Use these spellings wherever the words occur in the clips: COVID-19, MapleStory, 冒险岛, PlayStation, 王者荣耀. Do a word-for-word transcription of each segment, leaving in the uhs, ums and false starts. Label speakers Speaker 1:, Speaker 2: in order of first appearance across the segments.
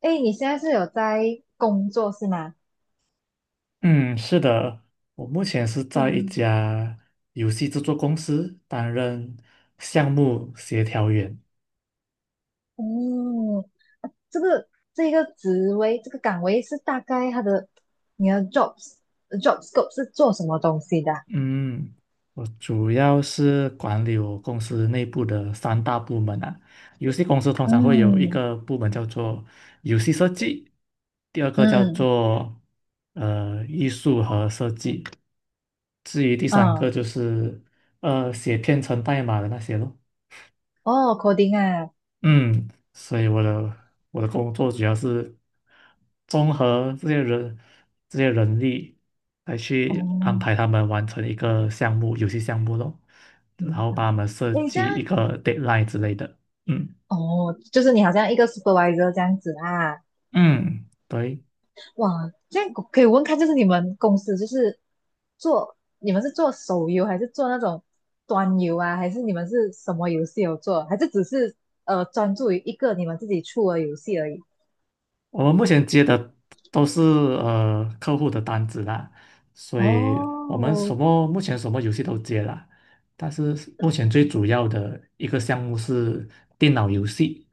Speaker 1: 哎，你现在是有在工作是吗？
Speaker 2: 嗯，是的，我目前是在一
Speaker 1: 嗯，
Speaker 2: 家游戏制作公司担任项目协调员。
Speaker 1: 哦，这个这个职位这个岗位是大概它的你的 jobs job scope 是做什么东西的啊
Speaker 2: 嗯，我主要是管理我公司内部的三大部门啊。游戏公司通常会有一
Speaker 1: 嗯
Speaker 2: 个部门叫做游戏设计，第二个叫
Speaker 1: 嗯
Speaker 2: 做呃艺术和设计，至于第三个
Speaker 1: 嗯，
Speaker 2: 就是呃写编程代码的那些咯。
Speaker 1: 哦，coding 啊，
Speaker 2: 嗯，所以我的我的工作主要是综合这些人这些人力，来去安排
Speaker 1: 哦，
Speaker 2: 他们完成一个项目，游戏项目咯，然
Speaker 1: 明
Speaker 2: 后
Speaker 1: 白。
Speaker 2: 帮他们设
Speaker 1: 诶，这
Speaker 2: 计
Speaker 1: 样
Speaker 2: 一个 deadline 之类的。嗯
Speaker 1: 哦，就是你好像一个 supervisor 这样子啊。
Speaker 2: 嗯，对。
Speaker 1: 哇，这样可以问看，就是你们公司就是做，你们是做手游还是做那种端游啊？还是你们是什么游戏有做？还是只是呃专注于一个你们自己出的游戏而已？
Speaker 2: 我们目前接的都是呃客户的单子啦，所以我们
Speaker 1: 哦，
Speaker 2: 什么目前什么游戏都接啦，但是目前最主要的一个项目是电脑游戏，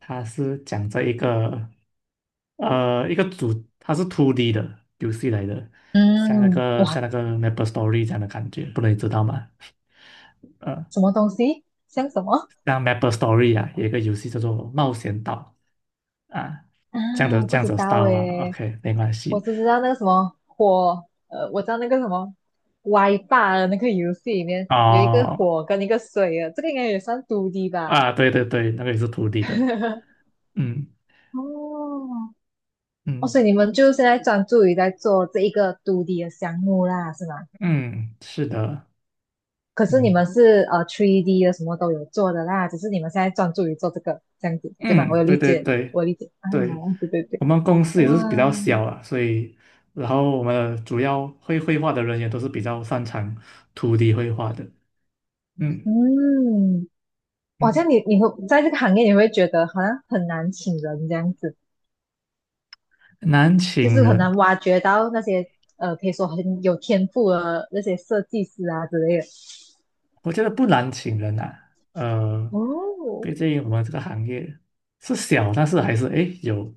Speaker 2: 它是讲这一个呃一个主，它是 二 D 的游戏来的，像那
Speaker 1: 嗯，
Speaker 2: 个像
Speaker 1: 哇，
Speaker 2: 那个 MapleStory 这样的感觉，不能知道吗？呃，
Speaker 1: 什么东西？像什么
Speaker 2: 像 MapleStory 啊，有一个游戏叫做《冒险岛》啊，
Speaker 1: 啊？
Speaker 2: 这样的
Speaker 1: 我不
Speaker 2: 这样
Speaker 1: 知
Speaker 2: 子的
Speaker 1: 道
Speaker 2: style 啊
Speaker 1: 诶，
Speaker 2: ，OK,没关
Speaker 1: 我
Speaker 2: 系。
Speaker 1: 只知道那个什么火，呃，我知道那个什么歪霸的那个游戏里面有一个
Speaker 2: 哦
Speaker 1: 火跟一个水啊，这个应该也算 二 D 吧？
Speaker 2: 啊，对对对，那个也是土地的，嗯
Speaker 1: 哦，哦，
Speaker 2: 嗯
Speaker 1: 所以你们就现在专注于在做这一个 二 D 的项目啦，是吗？
Speaker 2: 嗯，是的，
Speaker 1: 可是你
Speaker 2: 嗯
Speaker 1: 们是呃 三 D 的什么都有做的啦，只是你们现在专注于做这个这样子，对吧？我
Speaker 2: 嗯，
Speaker 1: 有
Speaker 2: 对
Speaker 1: 理
Speaker 2: 对
Speaker 1: 解，
Speaker 2: 对
Speaker 1: 我理解啊，
Speaker 2: 对，
Speaker 1: 对对对，
Speaker 2: 我们公司
Speaker 1: 哇，
Speaker 2: 也是比较小啊，所以然后我们的主要会绘画的人也都是比较擅长土地绘画的，嗯
Speaker 1: 嗯，哇，这
Speaker 2: 嗯，
Speaker 1: 样你你会在这个行业你会觉得好像很难请人这样子，
Speaker 2: 难
Speaker 1: 就
Speaker 2: 请
Speaker 1: 是很
Speaker 2: 人，
Speaker 1: 难挖掘到那些呃可以说很有天赋的那些设计师啊之类的。
Speaker 2: 我觉得不难请人啊，呃，
Speaker 1: 哦，
Speaker 2: 毕竟我们这个行业是小，但是还是诶有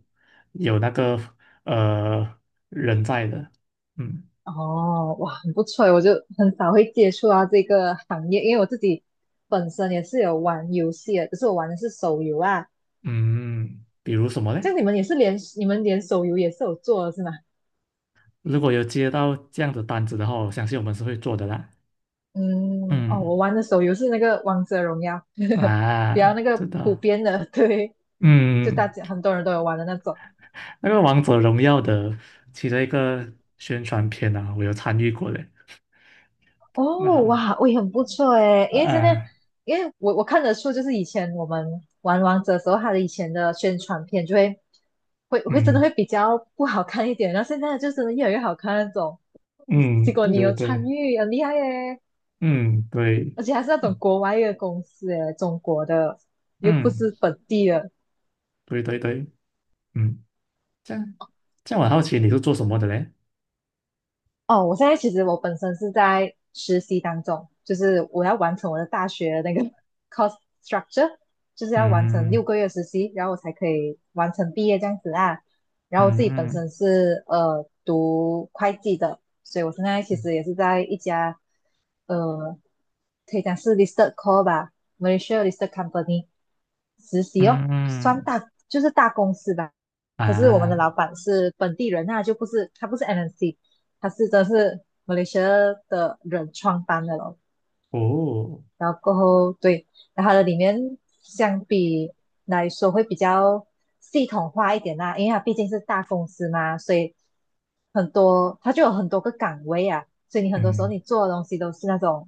Speaker 2: 有那个呃人在的，嗯。
Speaker 1: 哦，哇，很不错诶，我就很少会接触到这个行业，因为我自己本身也是有玩游戏的，只是我玩的是手游啊。
Speaker 2: 嗯，比如什么嘞？
Speaker 1: 像你们也是连你们连手游也是有做的是吗？
Speaker 2: 如果有接到这样的单子的话，我相信我们是会做的啦。
Speaker 1: 嗯，哦，我
Speaker 2: 嗯，
Speaker 1: 玩的手游是那个《王者荣耀》，比较那
Speaker 2: 啊，知
Speaker 1: 个普
Speaker 2: 道。
Speaker 1: 遍的，对，就大
Speaker 2: 嗯，
Speaker 1: 家很多人都有玩的那种。
Speaker 2: 那个《王者荣耀》的其中一个宣传片啊，我有参与过嘞。那
Speaker 1: 哦，
Speaker 2: 好，
Speaker 1: 哇，我也很不错诶，
Speaker 2: 啊，
Speaker 1: 因为现在，
Speaker 2: 啊
Speaker 1: 因为我我看得出，就是以前我们玩王者的时候，它的以前的宣传片就会会会真的
Speaker 2: 嗯
Speaker 1: 会比较不好看一点，然后现在就真的越来越好看那种。结
Speaker 2: 嗯，
Speaker 1: 果
Speaker 2: 对
Speaker 1: 你
Speaker 2: 对
Speaker 1: 有参
Speaker 2: 对，
Speaker 1: 与，很厉害耶，
Speaker 2: 嗯对，
Speaker 1: 而且还是那种国外的公司诶，中国的，又不
Speaker 2: 嗯
Speaker 1: 是本地的。
Speaker 2: 对对对，嗯，这样这样，我好奇你是做什么的嘞？
Speaker 1: 哦，我现在其实我本身是在实习当中，就是我要完成我的大学那个 cost structure，就是要完成六
Speaker 2: 嗯
Speaker 1: 个月实习，然后我才可以完成毕业这样子啊。然
Speaker 2: 嗯
Speaker 1: 后我自己本身
Speaker 2: 嗯
Speaker 1: 是呃读会计的，所以我现在其
Speaker 2: 嗯
Speaker 1: 实也是在一家呃可以讲是 listed co 吧，Malaysia listed company 实习哦，
Speaker 2: 嗯
Speaker 1: 算
Speaker 2: 嗯
Speaker 1: 大就是大公司吧。可是我们的
Speaker 2: 啊，
Speaker 1: 老板是本地人那就不是他不是 M N C。它是真的是马来西亚的人创办的咯。
Speaker 2: 哦，
Speaker 1: 然后过后对，然后它的里面相比来说会比较系统化一点啦、因为它毕竟是大公司嘛，所以很多它就有很多个岗位啊，所以你很多时候
Speaker 2: 嗯。
Speaker 1: 你做的东西都是那种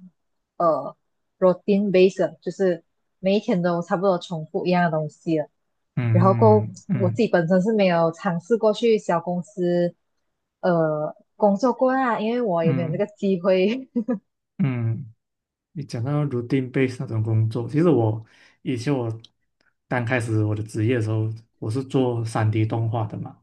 Speaker 1: 呃 routine base，就是每一天都差不多重复一样的东西了。然后够
Speaker 2: 嗯
Speaker 1: 我自
Speaker 2: 嗯
Speaker 1: 己本身是没有尝试过去小公司，呃，工作过啊，因为我也没有
Speaker 2: 嗯
Speaker 1: 这
Speaker 2: 嗯，
Speaker 1: 个机会。
Speaker 2: 嗯你讲到 routine base 那种工作，其实我以前我刚开始我的职业的时候，我是做三 d 动画的嘛。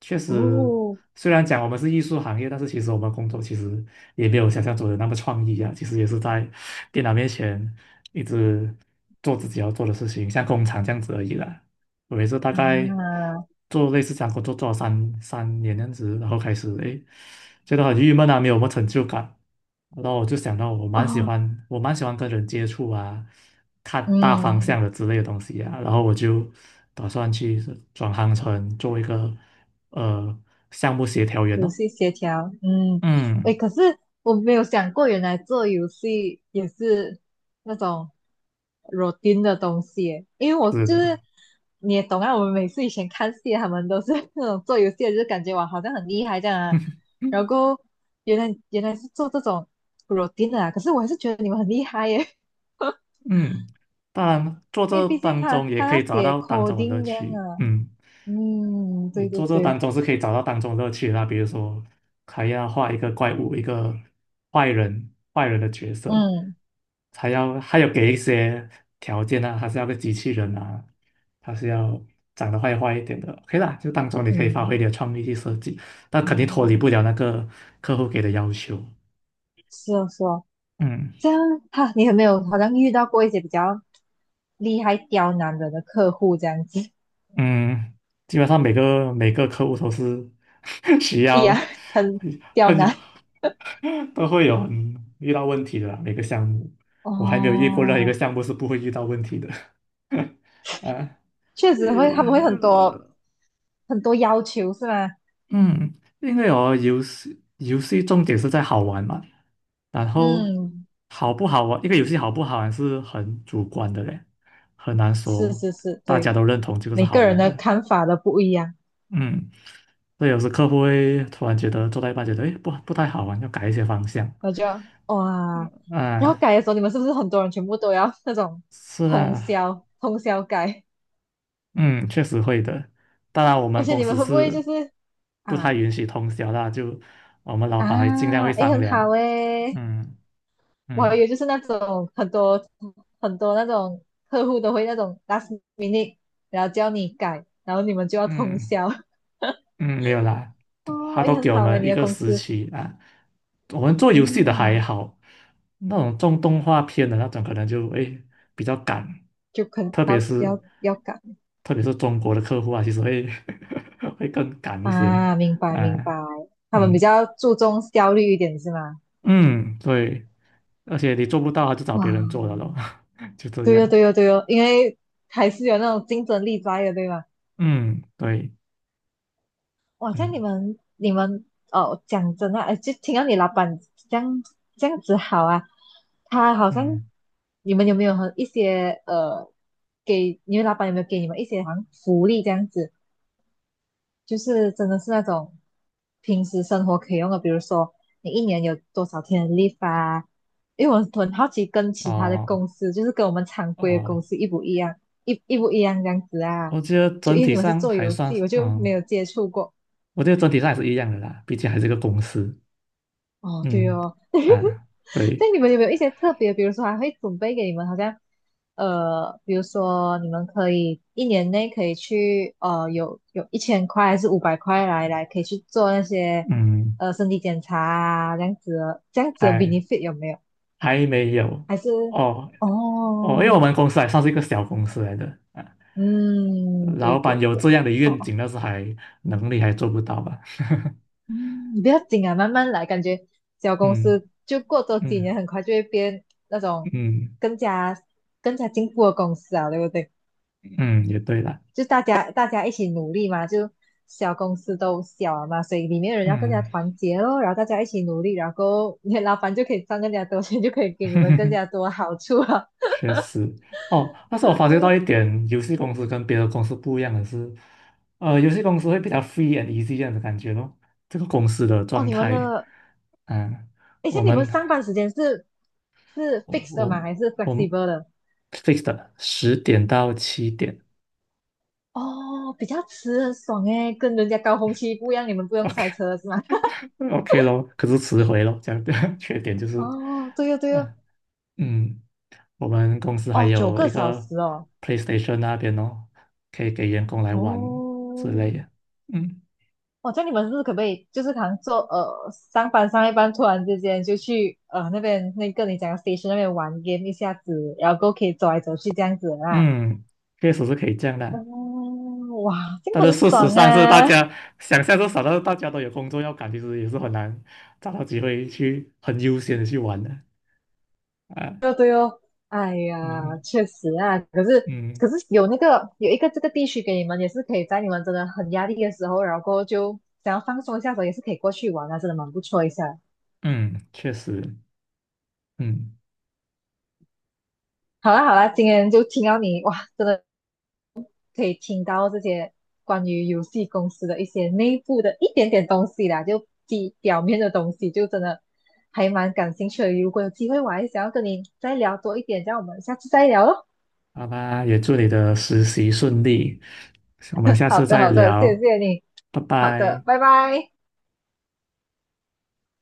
Speaker 2: 确实，
Speaker 1: 哦
Speaker 2: 虽然讲我们是艺术行业，但是其实我们工作其实也没有想象中的那么创意啊。其实也是在电脑面前一直做自己要做的事情，像工厂这样子而已啦。我也是大概
Speaker 1: 啊，
Speaker 2: 做类似这样工作做了三三年这样子，然后开始诶觉得很郁闷啊，没有什么成就感。然后我就想到我蛮喜
Speaker 1: 哦，
Speaker 2: 欢，我蛮喜欢跟人接触啊，看大方
Speaker 1: 嗯，
Speaker 2: 向的之类的东西啊，然后我就打算去转行成做一个呃项目协调员
Speaker 1: 游
Speaker 2: 哦。
Speaker 1: 戏协调，嗯，
Speaker 2: 嗯，
Speaker 1: 诶，可是我没有想过，原来做游戏也是那种 routine 的东西耶，因为我
Speaker 2: 是
Speaker 1: 就
Speaker 2: 的，
Speaker 1: 是你也懂啊，我们每次以前看戏，他们都是 那种做游戏的，就感觉哇，好像很厉害这样啊，然后原来原来是做这种 routine 的啊，可是我还是觉得你们很厉害耶，
Speaker 2: 嗯，当然做
Speaker 1: 因
Speaker 2: 这
Speaker 1: 为毕竟
Speaker 2: 当
Speaker 1: 他
Speaker 2: 中也
Speaker 1: 他
Speaker 2: 可
Speaker 1: 要
Speaker 2: 以找
Speaker 1: 写
Speaker 2: 到当中的乐
Speaker 1: coding 这样
Speaker 2: 趣。
Speaker 1: 啊，
Speaker 2: 嗯。
Speaker 1: 嗯，
Speaker 2: 你
Speaker 1: 对对
Speaker 2: 做这
Speaker 1: 对，
Speaker 2: 当中是可以找到当中乐趣的啦，比如说还要画一个怪物，一个坏人，坏人的角色，
Speaker 1: 嗯
Speaker 2: 还要还有给一些条件啊，他是要个机器人啊，他是要长得坏坏一点的，OK 啦，就当中你可以发
Speaker 1: 嗯
Speaker 2: 挥你的创意去设计，但肯定脱离不
Speaker 1: 嗯，
Speaker 2: 了那个客户给的要求，
Speaker 1: 是哦是哦。
Speaker 2: 嗯。
Speaker 1: 这样哈，你有没有好像遇到过一些比较厉害刁难人的客户这样子？
Speaker 2: 嗯，基本上每个每个客户都是 需
Speaker 1: 哎呀，
Speaker 2: 要
Speaker 1: 很刁
Speaker 2: 很
Speaker 1: 难
Speaker 2: 都会有很遇到问题的啦，每个项目，我还没有遇过任何一个
Speaker 1: 哦，
Speaker 2: 项目是不会遇到问题的。啊，
Speaker 1: 确实会，他们会很多
Speaker 2: 呃，
Speaker 1: 很多要求是吗？
Speaker 2: 嗯，因为哦，游戏游戏重点是在好玩嘛，然后
Speaker 1: 嗯，
Speaker 2: 好不好玩，一个游戏好不好玩是很主观的嘞，很难
Speaker 1: 是
Speaker 2: 说
Speaker 1: 是是，
Speaker 2: 大家
Speaker 1: 对，
Speaker 2: 都认同这个是
Speaker 1: 每
Speaker 2: 好
Speaker 1: 个人
Speaker 2: 玩
Speaker 1: 的
Speaker 2: 的。
Speaker 1: 看法都不一样，
Speaker 2: 嗯，所以有时客户会突然觉得做到一半觉得，诶，不不太好玩，要改一些方向
Speaker 1: 我就哇，然后
Speaker 2: 啊。
Speaker 1: 改的时候，你们是不是很多人全部都要那种
Speaker 2: 是
Speaker 1: 通
Speaker 2: 啊，
Speaker 1: 宵通宵改？
Speaker 2: 嗯，确实会的。当然，我
Speaker 1: 而
Speaker 2: 们
Speaker 1: 且
Speaker 2: 公
Speaker 1: 你们
Speaker 2: 司
Speaker 1: 会不会就
Speaker 2: 是
Speaker 1: 是
Speaker 2: 不太
Speaker 1: 啊
Speaker 2: 允许通宵啦，就我们老板还尽量
Speaker 1: 啊，
Speaker 2: 会
Speaker 1: 诶，
Speaker 2: 商
Speaker 1: 很好
Speaker 2: 量。
Speaker 1: 诶，
Speaker 2: 嗯
Speaker 1: 我还以
Speaker 2: 嗯
Speaker 1: 为就是那种很多很多那种客户都会那种 last minute，然后叫你改，然后你们就要通
Speaker 2: 嗯，
Speaker 1: 宵。
Speaker 2: 嗯，没有啦，他
Speaker 1: 哦，也
Speaker 2: 都
Speaker 1: 很
Speaker 2: 给我
Speaker 1: 好哎，
Speaker 2: 们
Speaker 1: 你
Speaker 2: 一
Speaker 1: 的
Speaker 2: 个
Speaker 1: 公
Speaker 2: 时
Speaker 1: 司，
Speaker 2: 期啊。我们做游戏的还
Speaker 1: 嗯，
Speaker 2: 好，那种种动画片的那种可能就会比较赶，
Speaker 1: 就可能
Speaker 2: 特别
Speaker 1: 要
Speaker 2: 是
Speaker 1: 要要改
Speaker 2: 特别是中国的客户啊，其实会 会更赶一些
Speaker 1: 啊，明白明白，
Speaker 2: 啊。
Speaker 1: 他们比
Speaker 2: 嗯
Speaker 1: 较注重效率一点是吗？
Speaker 2: 嗯，对，而且你做不到，他就找别
Speaker 1: 哇，
Speaker 2: 人做了咯，就这
Speaker 1: 对哦
Speaker 2: 样。
Speaker 1: 对哦对哦，因为还是有那种竞争力在的，对吗？
Speaker 2: 嗯，对，
Speaker 1: 哇，像你
Speaker 2: 嗯
Speaker 1: 们你们哦，讲真的，呃，就听到你老板这样这样子好啊，他好像
Speaker 2: 嗯，
Speaker 1: 你们有没有和一些呃，给你们老板有没有给你们一些好像福利这样子？就是真的是那种平时生活可以用的，比如说你一年有多少天的 leave 啊？因为我很好奇跟其他的
Speaker 2: 哦
Speaker 1: 公司，就是跟我们常规的公
Speaker 2: 哦，
Speaker 1: 司一不一样，一一不一样这样子啊？
Speaker 2: 我觉得
Speaker 1: 就
Speaker 2: 整
Speaker 1: 因为
Speaker 2: 体
Speaker 1: 你们是
Speaker 2: 上
Speaker 1: 做
Speaker 2: 还
Speaker 1: 游
Speaker 2: 算
Speaker 1: 戏，
Speaker 2: 是，
Speaker 1: 我就没
Speaker 2: 嗯。
Speaker 1: 有接触过。
Speaker 2: 我觉得整体上还是一样的啦，毕竟还是个公司。
Speaker 1: 哦，对
Speaker 2: 嗯，
Speaker 1: 哦。
Speaker 2: 啊，对，
Speaker 1: 对，你们有没有一些特别？比如说还会准备给你们，好像呃，比如说你们可以一年内可以去呃，有有一千块还是五百块来来，可以去做那些
Speaker 2: 嗯，
Speaker 1: 呃身体检查啊，这样子的这样子的
Speaker 2: 还
Speaker 1: benefit 有没有？
Speaker 2: 还没有
Speaker 1: 还是
Speaker 2: 哦哦，因为我
Speaker 1: 哦，
Speaker 2: 们公司还算是一个小公司来的啊，
Speaker 1: 嗯，对
Speaker 2: 老板
Speaker 1: 对
Speaker 2: 有
Speaker 1: 对，
Speaker 2: 这样的
Speaker 1: 哦
Speaker 2: 愿
Speaker 1: 哦，
Speaker 2: 景，但是还能力还做不到吧？
Speaker 1: 嗯，你不要紧啊，慢慢来，感觉小公
Speaker 2: 嗯
Speaker 1: 司就过多几年，
Speaker 2: 嗯
Speaker 1: 很快就会变那种
Speaker 2: 嗯
Speaker 1: 更加更加进步的公司啊，对不对？
Speaker 2: 嗯，也对啦，
Speaker 1: 就大家大家一起努力嘛，就小公司都小了嘛，所以里面的人要更加
Speaker 2: 嗯。
Speaker 1: 团结咯，然后大家一起努力，然后 你老板就可以赚更加多钱，就可以给你们更加 多好处了。
Speaker 2: 确实，哦，但是我发觉到一 点，游戏公司跟别的公司不一样的是，呃，游戏公司会比较 free and easy 这样的感觉咯。这个公司的
Speaker 1: 哦，
Speaker 2: 状
Speaker 1: 你们
Speaker 2: 态，
Speaker 1: 的，
Speaker 2: 嗯，
Speaker 1: 诶，
Speaker 2: 我
Speaker 1: 像你们
Speaker 2: 们
Speaker 1: 上班时间是是
Speaker 2: 我
Speaker 1: fixed 的
Speaker 2: 我
Speaker 1: 吗？还是
Speaker 2: 我们
Speaker 1: flexible 的？
Speaker 2: fixed 十点到七点
Speaker 1: 哦，比较迟很爽诶，跟人家高峰期不一样，你们不用
Speaker 2: ，OK
Speaker 1: 塞车是吗？
Speaker 2: OK 咯，可是迟回咯，这样的 缺点就是，
Speaker 1: 哦，对哦对哦，
Speaker 2: 嗯嗯，我们公司还
Speaker 1: 哦，九
Speaker 2: 有
Speaker 1: 个
Speaker 2: 一
Speaker 1: 小
Speaker 2: 个
Speaker 1: 时哦，
Speaker 2: PlayStation 那边哦，可以给员工来玩之
Speaker 1: 哦，
Speaker 2: 类的，嗯
Speaker 1: 哦，这样你们是不是可不可以，就是可能做呃上班上一班，突然之间就去呃那边那个你讲的 station 那边玩 game 一下子，然后过后可以走来走去这样子啦。
Speaker 2: 嗯，确实是可以这样的，
Speaker 1: 哦，哇，这
Speaker 2: 但
Speaker 1: 个
Speaker 2: 是
Speaker 1: 很
Speaker 2: 事实
Speaker 1: 爽
Speaker 2: 上是大
Speaker 1: 啊！
Speaker 2: 家想象是少，但是大家都有工作要赶，其实也是很难找到机会去很悠闲的去玩的啊。
Speaker 1: 对哦对哦，哎呀，
Speaker 2: 嗯
Speaker 1: 确实啊，可是
Speaker 2: 嗯
Speaker 1: 可是有那个有一个这个地区给你们，也是可以在你们真的很压力的时候，然后过后就想要放松一下的时候，也是可以过去玩啊，真的蛮不错一下。
Speaker 2: 嗯，确实，嗯，嗯
Speaker 1: 好啦好啦，今天就听到你哇，真的可以听到这些关于游戏公司的一些内部的一点点东西啦，就比表面的东西，就真的还蛮感兴趣的。如果有机会，我还想要跟你再聊多一点，这样我们下次再聊咯。
Speaker 2: 好吧，也祝你的实习顺利，我们下
Speaker 1: 好
Speaker 2: 次
Speaker 1: 的，
Speaker 2: 再
Speaker 1: 好的，谢
Speaker 2: 聊，
Speaker 1: 谢你。
Speaker 2: 拜
Speaker 1: 好的，
Speaker 2: 拜。
Speaker 1: 拜拜。